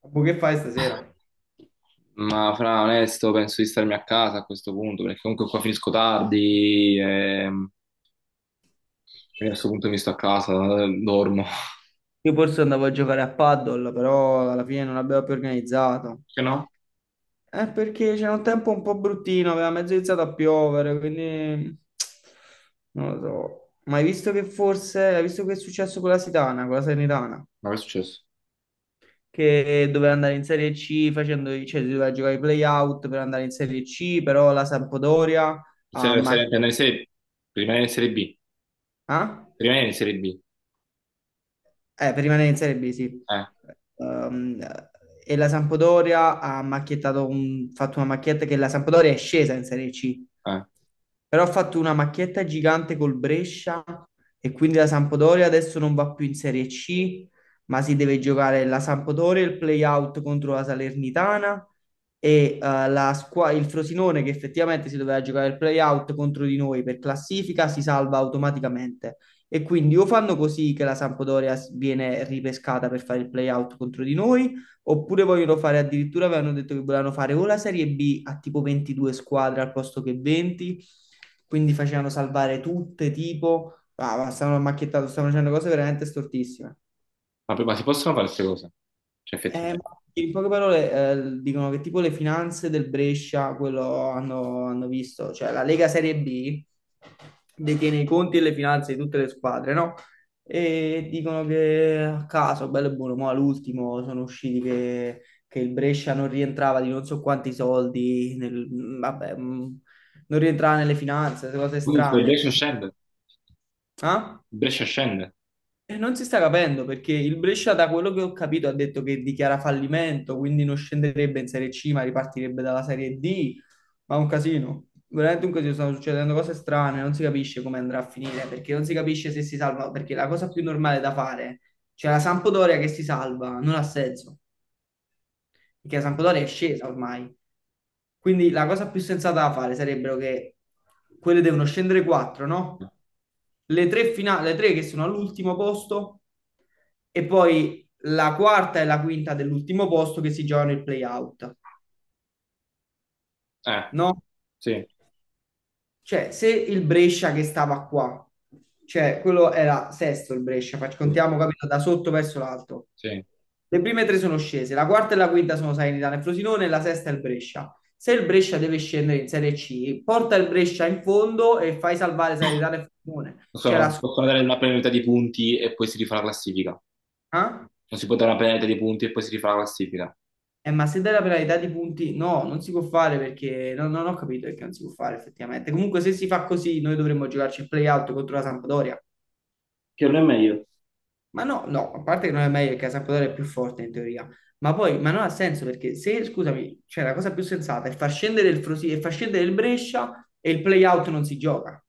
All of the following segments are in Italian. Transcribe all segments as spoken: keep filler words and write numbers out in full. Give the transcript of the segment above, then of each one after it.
Boh, che fai stasera? Ma fra onesto, penso di starmi a casa a questo punto, perché comunque qua finisco tardi e quindi a questo punto mi sto a casa, eh, dormo. Io forse andavo a giocare a paddle, però alla fine non l'abbiamo più organizzato. Che no? Eh, perché c'era un tempo un po' bruttino, aveva mezzo iniziato a piovere, quindi non lo so. Ma hai visto che forse, hai visto che è successo con la Sitana, con la Salernitana, Ma che è successo? che doveva andare in Serie C facendo, cioè si doveva giocare i play-out per andare in Serie C, però la Sampdoria ha Se, se, ammaccato. andare in serie, rimanere in Serie B, rimanere in Serie B, Eh, per rimanere in Serie B, sì. eh, Ehm, e la Sampdoria ha macchiettato un- fatto una macchietta che la Sampdoria è scesa in Serie C, eh. però ha fatto una macchietta gigante col Brescia e quindi la Sampdoria adesso non va più in Serie C, ma si deve giocare la Sampdoria, il play-out contro la Salernitana e eh, la squa- il Frosinone che effettivamente si doveva giocare il play-out contro di noi per classifica si salva automaticamente. E quindi o fanno così che la Sampdoria s- viene ripescata per fare il play-out contro di noi, oppure vogliono fare addirittura, avevano detto che volevano fare o la Serie B a tipo ventidue squadre al posto che venti, quindi facevano salvare tutte, tipo, ah, ma stavano macchiettando, stavano facendo cose veramente stortissime. Ma, poi- ma si possono fare queste cose? Cioè, Eh, ma effettivamente. in poche parole, eh, dicono che tipo le finanze del Brescia, quello hanno, hanno visto, cioè la Lega Serie B detiene i conti e le finanze di tutte le squadre, no? E dicono che a caso, bello e buono, ma all'ultimo sono usciti che, che il Brescia non rientrava di non so quanti soldi, nel- vabbè, mh, non rientrava nelle finanze, queste cose Quindi se il strane. Brescia scende, il Ah? Brescia scende. E non si sta capendo perché il Brescia, da quello che ho capito, ha detto che dichiara fallimento, quindi non scenderebbe in Serie C, ma ripartirebbe dalla Serie D. Ma è un casino, veramente un casino. Stanno succedendo cose strane, non si capisce come andrà a finire perché non si capisce se si salva. Perché la cosa più normale da fare, cioè la Sampdoria che si salva, non ha senso perché San Podore è scesa ormai. Quindi la cosa più sensata da fare sarebbero che quelle devono scendere quattro, no? Le tre, fina- le tre che sono all'ultimo posto e poi la quarta e la quinta dell'ultimo posto che si giocano il play-out, Eh, no? sì, Cioè, se il Brescia che stava qua, cioè quello era sesto il Brescia, fac- sì, contiamo, capito, da sotto verso l'alto. sì. Le prime tre sono scese, la quarta e la quinta sono Salernitana e Frosinone, la sesta è il Brescia. Se il Brescia deve scendere in Serie C, porta il Brescia in fondo e fai salvare Salernitana e Frosinone. Cioè la Possono, squadra... possono dare una penalità di punti e poi si rifà la classifica. eh? Non si può dare una penalità di punti e poi si rifà la classifica. Eh, ma se dai la penalità di punti, no, non si può fare perché no, no, non ho capito perché non si può fare effettivamente. Comunque, se si fa così, noi dovremmo giocarci il play-out contro la Sampdoria. Che non è meglio. Ma no, no, a parte che non è meglio perché la Sampdoria è più forte in teoria, ma poi, ma non ha senso perché se, scusami, cioè la cosa più sensata è far scendere il Frosinone e far scendere il Brescia e il play-out non si gioca.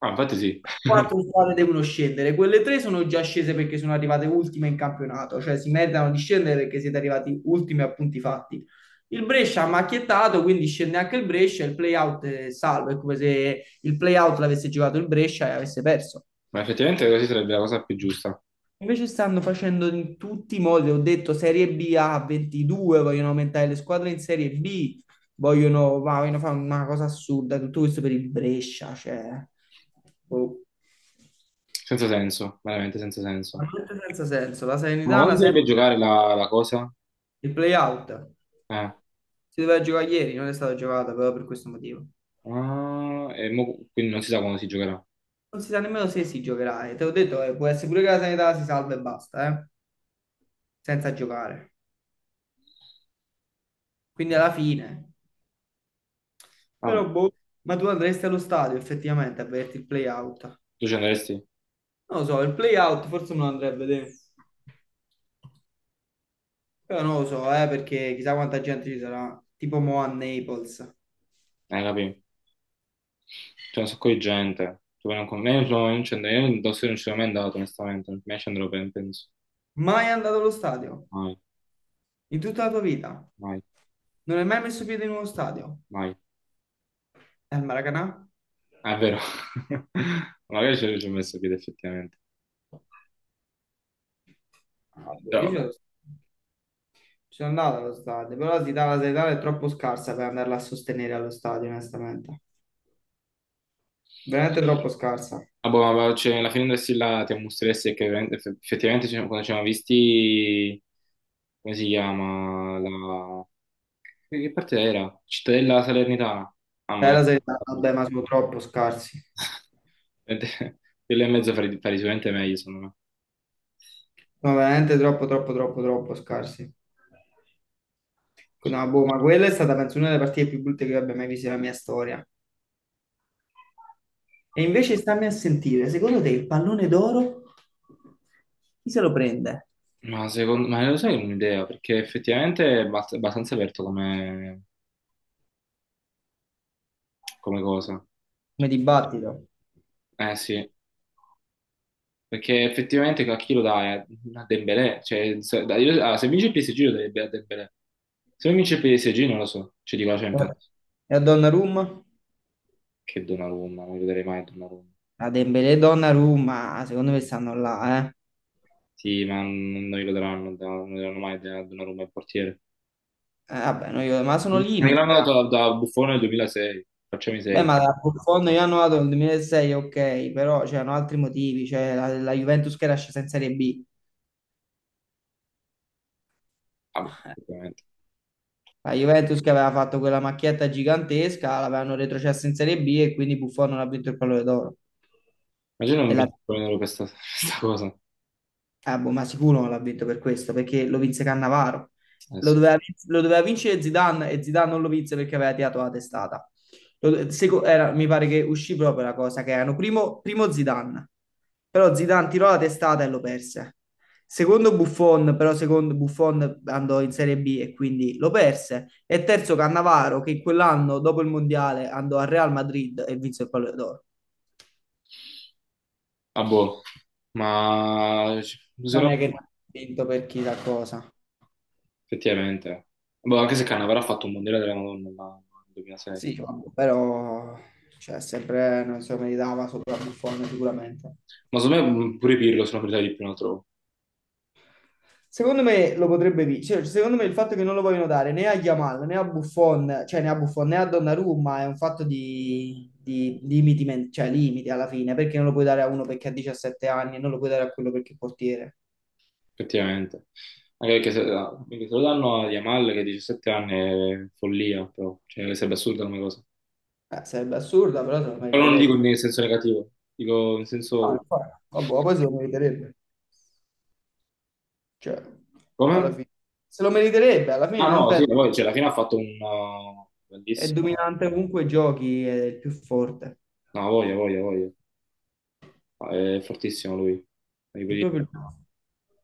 Ah, infatti sì. Quattro squadre devono scendere, quelle tre sono già scese perché sono arrivate ultime in campionato, cioè si meritano di scendere perché siete arrivati ultimi a punti fatti. Il Brescia ha macchiettato, quindi scende anche il Brescia, il play-out è salvo, è come se il play-out l'avesse giocato il Brescia e avesse perso. Ma effettivamente così sarebbe la cosa più giusta, Invece stanno facendo in tutti i modi, ho detto Serie B a ventidue, vogliono aumentare le squadre in Serie B, vogliono, ma vogliono fare una cosa assurda, tutto questo per il Brescia, cioè, boh, senza senso, veramente senza senso. veramente senza senso. La Ma quando Salernitana si dovrebbe sempre giocare la, la cosa? il play-out, Eh. si doveva giocare ieri, non è stata giocata proprio per questo motivo. Ah, e mo- quindi non si sa quando si giocherà. Non si sa nemmeno se si giocherà, e te l'ho detto, eh, può essere pure che la Salernitana si salva e basta, eh, senza giocare. Quindi alla fine... Ah, boh. Però boh, ma tu andresti allo stadio effettivamente a vederti il play out? Tu ci andresti? Non lo so, il play out forse me lo andrei a vedere. Però non lo so, eh, perché chissà quanta gente ci sarà. Tipo mo a Naples. Eh, capì? C'è un sacco di gente, tu non con me, non ci andrei, io in Tossi non ci sono mai andato, onestamente, non mi ci andrò per, penso, Mai andato allo stadio? mai, In tutta la tua vita? mai, Non hai mai messo piede in uno stadio? mai. E al Maracanà? Ah, è vero, magari ci ci ho messo piede effettivamente, Ah, boh, però io ci vabbè. sono, ci sono andato allo stadio, però la città, la sanità è troppo scarsa per andarla a sostenere allo stadio, onestamente. Veramente troppo scarsa. Ah, boh, ma cioè, alla fine andassi là ti mostreresti che veramente- eff- effettivamente ci- quando ci siamo visti, come si chiama? La... Che che parte era? Cittadella Salernitana. Ah, Eh, ma è... la sanità, vabbè, ma sono troppo scarsi. Quello e mezzo fare, fare sicuramente meglio, secondo me. No, veramente troppo, troppo, troppo, troppo scarsi. No, boh, ma quella è stata, penso, una delle partite più brutte che io abbia mai visto nella mia storia. E invece stammi a sentire, secondo te il pallone d'oro chi se lo prende? Ma secondo ma lo sai un'idea, perché effettivamente è abbast- abbastanza aperto come, come cosa. Come dibattito. Eh sì, perché effettivamente a chi lo dai? A Dembélé. Cioè, se, dai- io- ah, se vince il P S G lo dai a Dembélé. Se non vince il P S G non lo so. Cioè dico la Eh, Champions. E a Donnarumma? Che Donnarumma, non gli darei mai a Donnarumma. A Dembélé e Donnarumma, secondo me stanno là, eh. Sì, ma non non glielo daranno, da- non glielo daranno mai a Donnarumma il portiere. Eh, vabbè, no, io- ma sono Non limiti. gliel'hanno Eh. dato da, da Buffone nel duemilasei. Facciamo i Beh, seri. ma da Buffon io hanno dato nel duemilasei, ok, però c'erano altri motivi, cioè la, la Juventus che era scesa in Serie B, Ah, boh, effettivamente. la Juventus che aveva fatto quella macchietta gigantesca, l'avevano retrocessa in Serie B e quindi Buffon non ha vinto il pallone d'oro. Immagino non E la vincono questa, questa cosa. Ah, boh, ma sicuro non l'ha vinto per questo, perché lo vinse Cannavaro. Lo Adesso. doveva, vin- lo doveva vincere Zidane e Zidane non lo vinse perché aveva tirato la testata. Lo- seco- era- mi pare che uscì proprio la cosa che erano primo, primo Zidane, però Zidane tirò la testata e lo perse. Secondo Buffon, però secondo Buffon andò in Serie B e quindi lo perse. E terzo Cannavaro che quell'anno dopo il Mondiale andò al Real Madrid e vinse il Pallone d'Oro. Ah, boh. Ma se Non no, è che non ha vinto per chissà cosa. effettivamente. Boh, anche se Cannavaro ha fatto un mondiale della Madonna ma nel duemilasei. Sì, vabbè, però cioè, sempre non si meritava sopra Buffon sicuramente. Ma secondo me mm, pure Pirlo sono priorità di più, lo trovo, Secondo me lo potrebbe vincere. Secondo me il fatto che non lo vogliono dare né a Yamal né a Buffon, cioè né a Buffon né a Donnarumma è un fatto di, di limiti, men- cioè limiti alla fine, perché non lo puoi dare a uno perché ha diciassette anni e non lo puoi dare a quello perché è portiere. effettivamente. Anche perché se, ah, perché se lo danno a Yamal che ha diciassette anni è follia, però. Cioè, sarebbe assurda come cosa. Eh, sarebbe assurda, però se lo Però non dico meriterebbe. in senso negativo, dico in No, senso... infatti. Vabbè, poi se lo meriterebbe. Cioè, alla Come? fine. Se lo meriterebbe, alla fine Ah non no, sì, penso. poi, cioè, alla fine ha fatto un uh, È bellissimo... dominante ovunque giochi, è il più forte. No, voglia, voglia, voglia. Ah, è fortissimo lui. È proprio il più...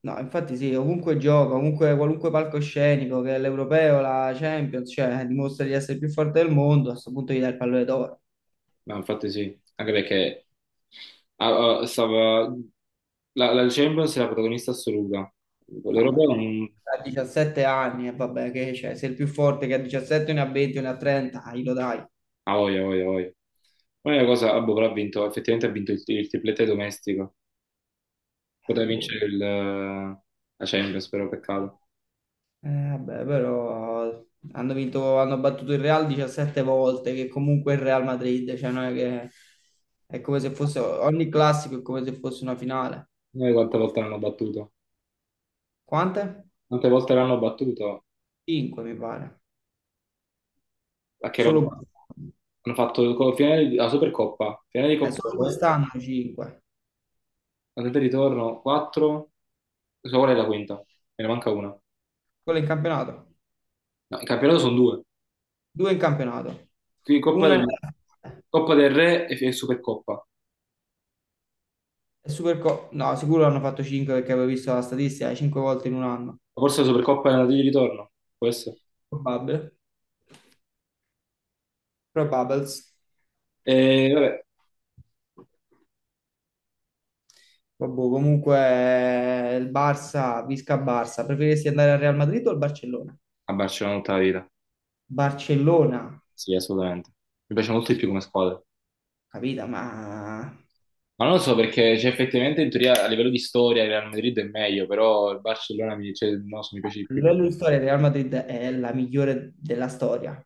No, infatti sì, ovunque gioca, ovunque, qualunque palcoscenico, che è l'Europeo, la Champions, cioè eh, dimostra di essere il più forte del mondo, a questo punto gli dai il pallone d'oro. Ma infatti sì, anche perché ah, ah, stava, la, la Champions è la protagonista assoluta. No, beh. L'Europeo non... A diciassette anni, e vabbè, che c'è? Se il più forte che a diciassette ne ha venti, ne ha trenta, ah, glielo dai. Ah, voglia, voglia, voglia. L'unica cosa, ah, boh, però ha vinto, effettivamente ha vinto il, il triplete domestico. Eh, Poteva boh. vincere il, eh, la Champions, però peccato. Eh, vabbè, però hanno vinto, hanno battuto il Real diciassette volte, che comunque è il Real Madrid, cioè non è che è come se fosse ogni classico è come se fosse una finale. Noi quante volte l'hanno battuto? Quante? Quante volte l'hanno battuto? cinque mi pare. A che Solo roba? quest'anno, Hanno fatto co- finale di, la Supercoppa, finale di eh, Coppa solo Europea, quest'anno cinque. andata e ritorno, quattro, so qual è la quinta? Me ne manca una. No, Quello in campionato. il campionato sono due. Due in campionato. Sì, Coppa Una è del, Coppa del Re e, e Supercoppa. Ma è Superco- No, sicuro hanno fatto cinque perché avevo visto la statistica, cinque volte in un anno. forse la Supercoppa è andata di ritorno, può essere. Probabile. Probables. E vabbè, Vabbè, comunque eh, il Barça, Visca Barça, preferiresti andare al Real Madrid o al Barcellona? a Barcellona tutta la vita. Barcellona, Sì, assolutamente. Mi piace molto di più come squadra. capito? Ma a Ma non lo so perché, cioè, effettivamente in teoria a livello di storia il Real Madrid è meglio, però il Barcellona mi, cioè, non so, mi piace di più. livello di storia il Real Madrid è la migliore della storia,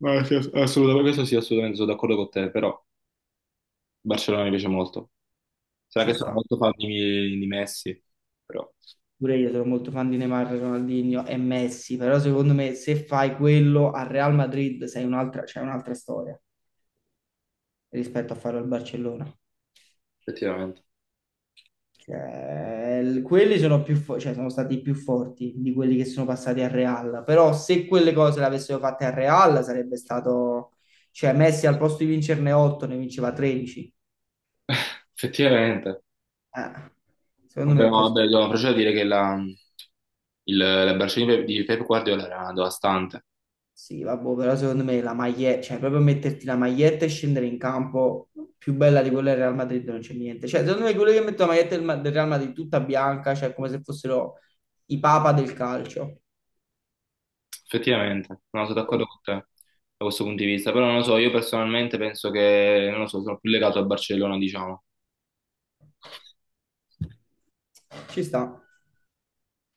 No, sì, ass- assolutamente, questo sì, assolutamente sono d'accordo con te, però il Barcellona mi piace molto. Sarà ci che sono sta. molto fan di, di Messi, però Pure io sono molto fan di Neymar, Ronaldinho e Messi, però secondo me se fai quello al Real Madrid sei un'altra, c'è un'altra storia rispetto a farlo al Barcellona. effettivamente. Cioè, l- quelli sono più fo- cioè, sono stati più forti di quelli che sono passati al Real. Però se quelle cose le avessero fatte al Real sarebbe stato... Cioè, Messi al posto di vincerne otto ne vinceva tredici. Effettivamente. Eh, secondo me Vabbè, è no, così. vabbè, no, però c'è da dire che la, il, la Barcellona di Pep di Pep Guardiola era devastante, Sì, vabbè, però secondo me la maglietta, cioè proprio metterti la maglietta e scendere in campo più bella di quella del Real Madrid non c'è niente. Cioè, secondo me quelli che mettono la maglietta del, Ma- del Real Madrid tutta bianca, cioè come se fossero i papa del calcio. effettivamente, no, sono d'accordo con te da questo punto di vista, però non lo so, io personalmente penso che, non lo so, sono più legato al Barcellona, diciamo. Ci sta.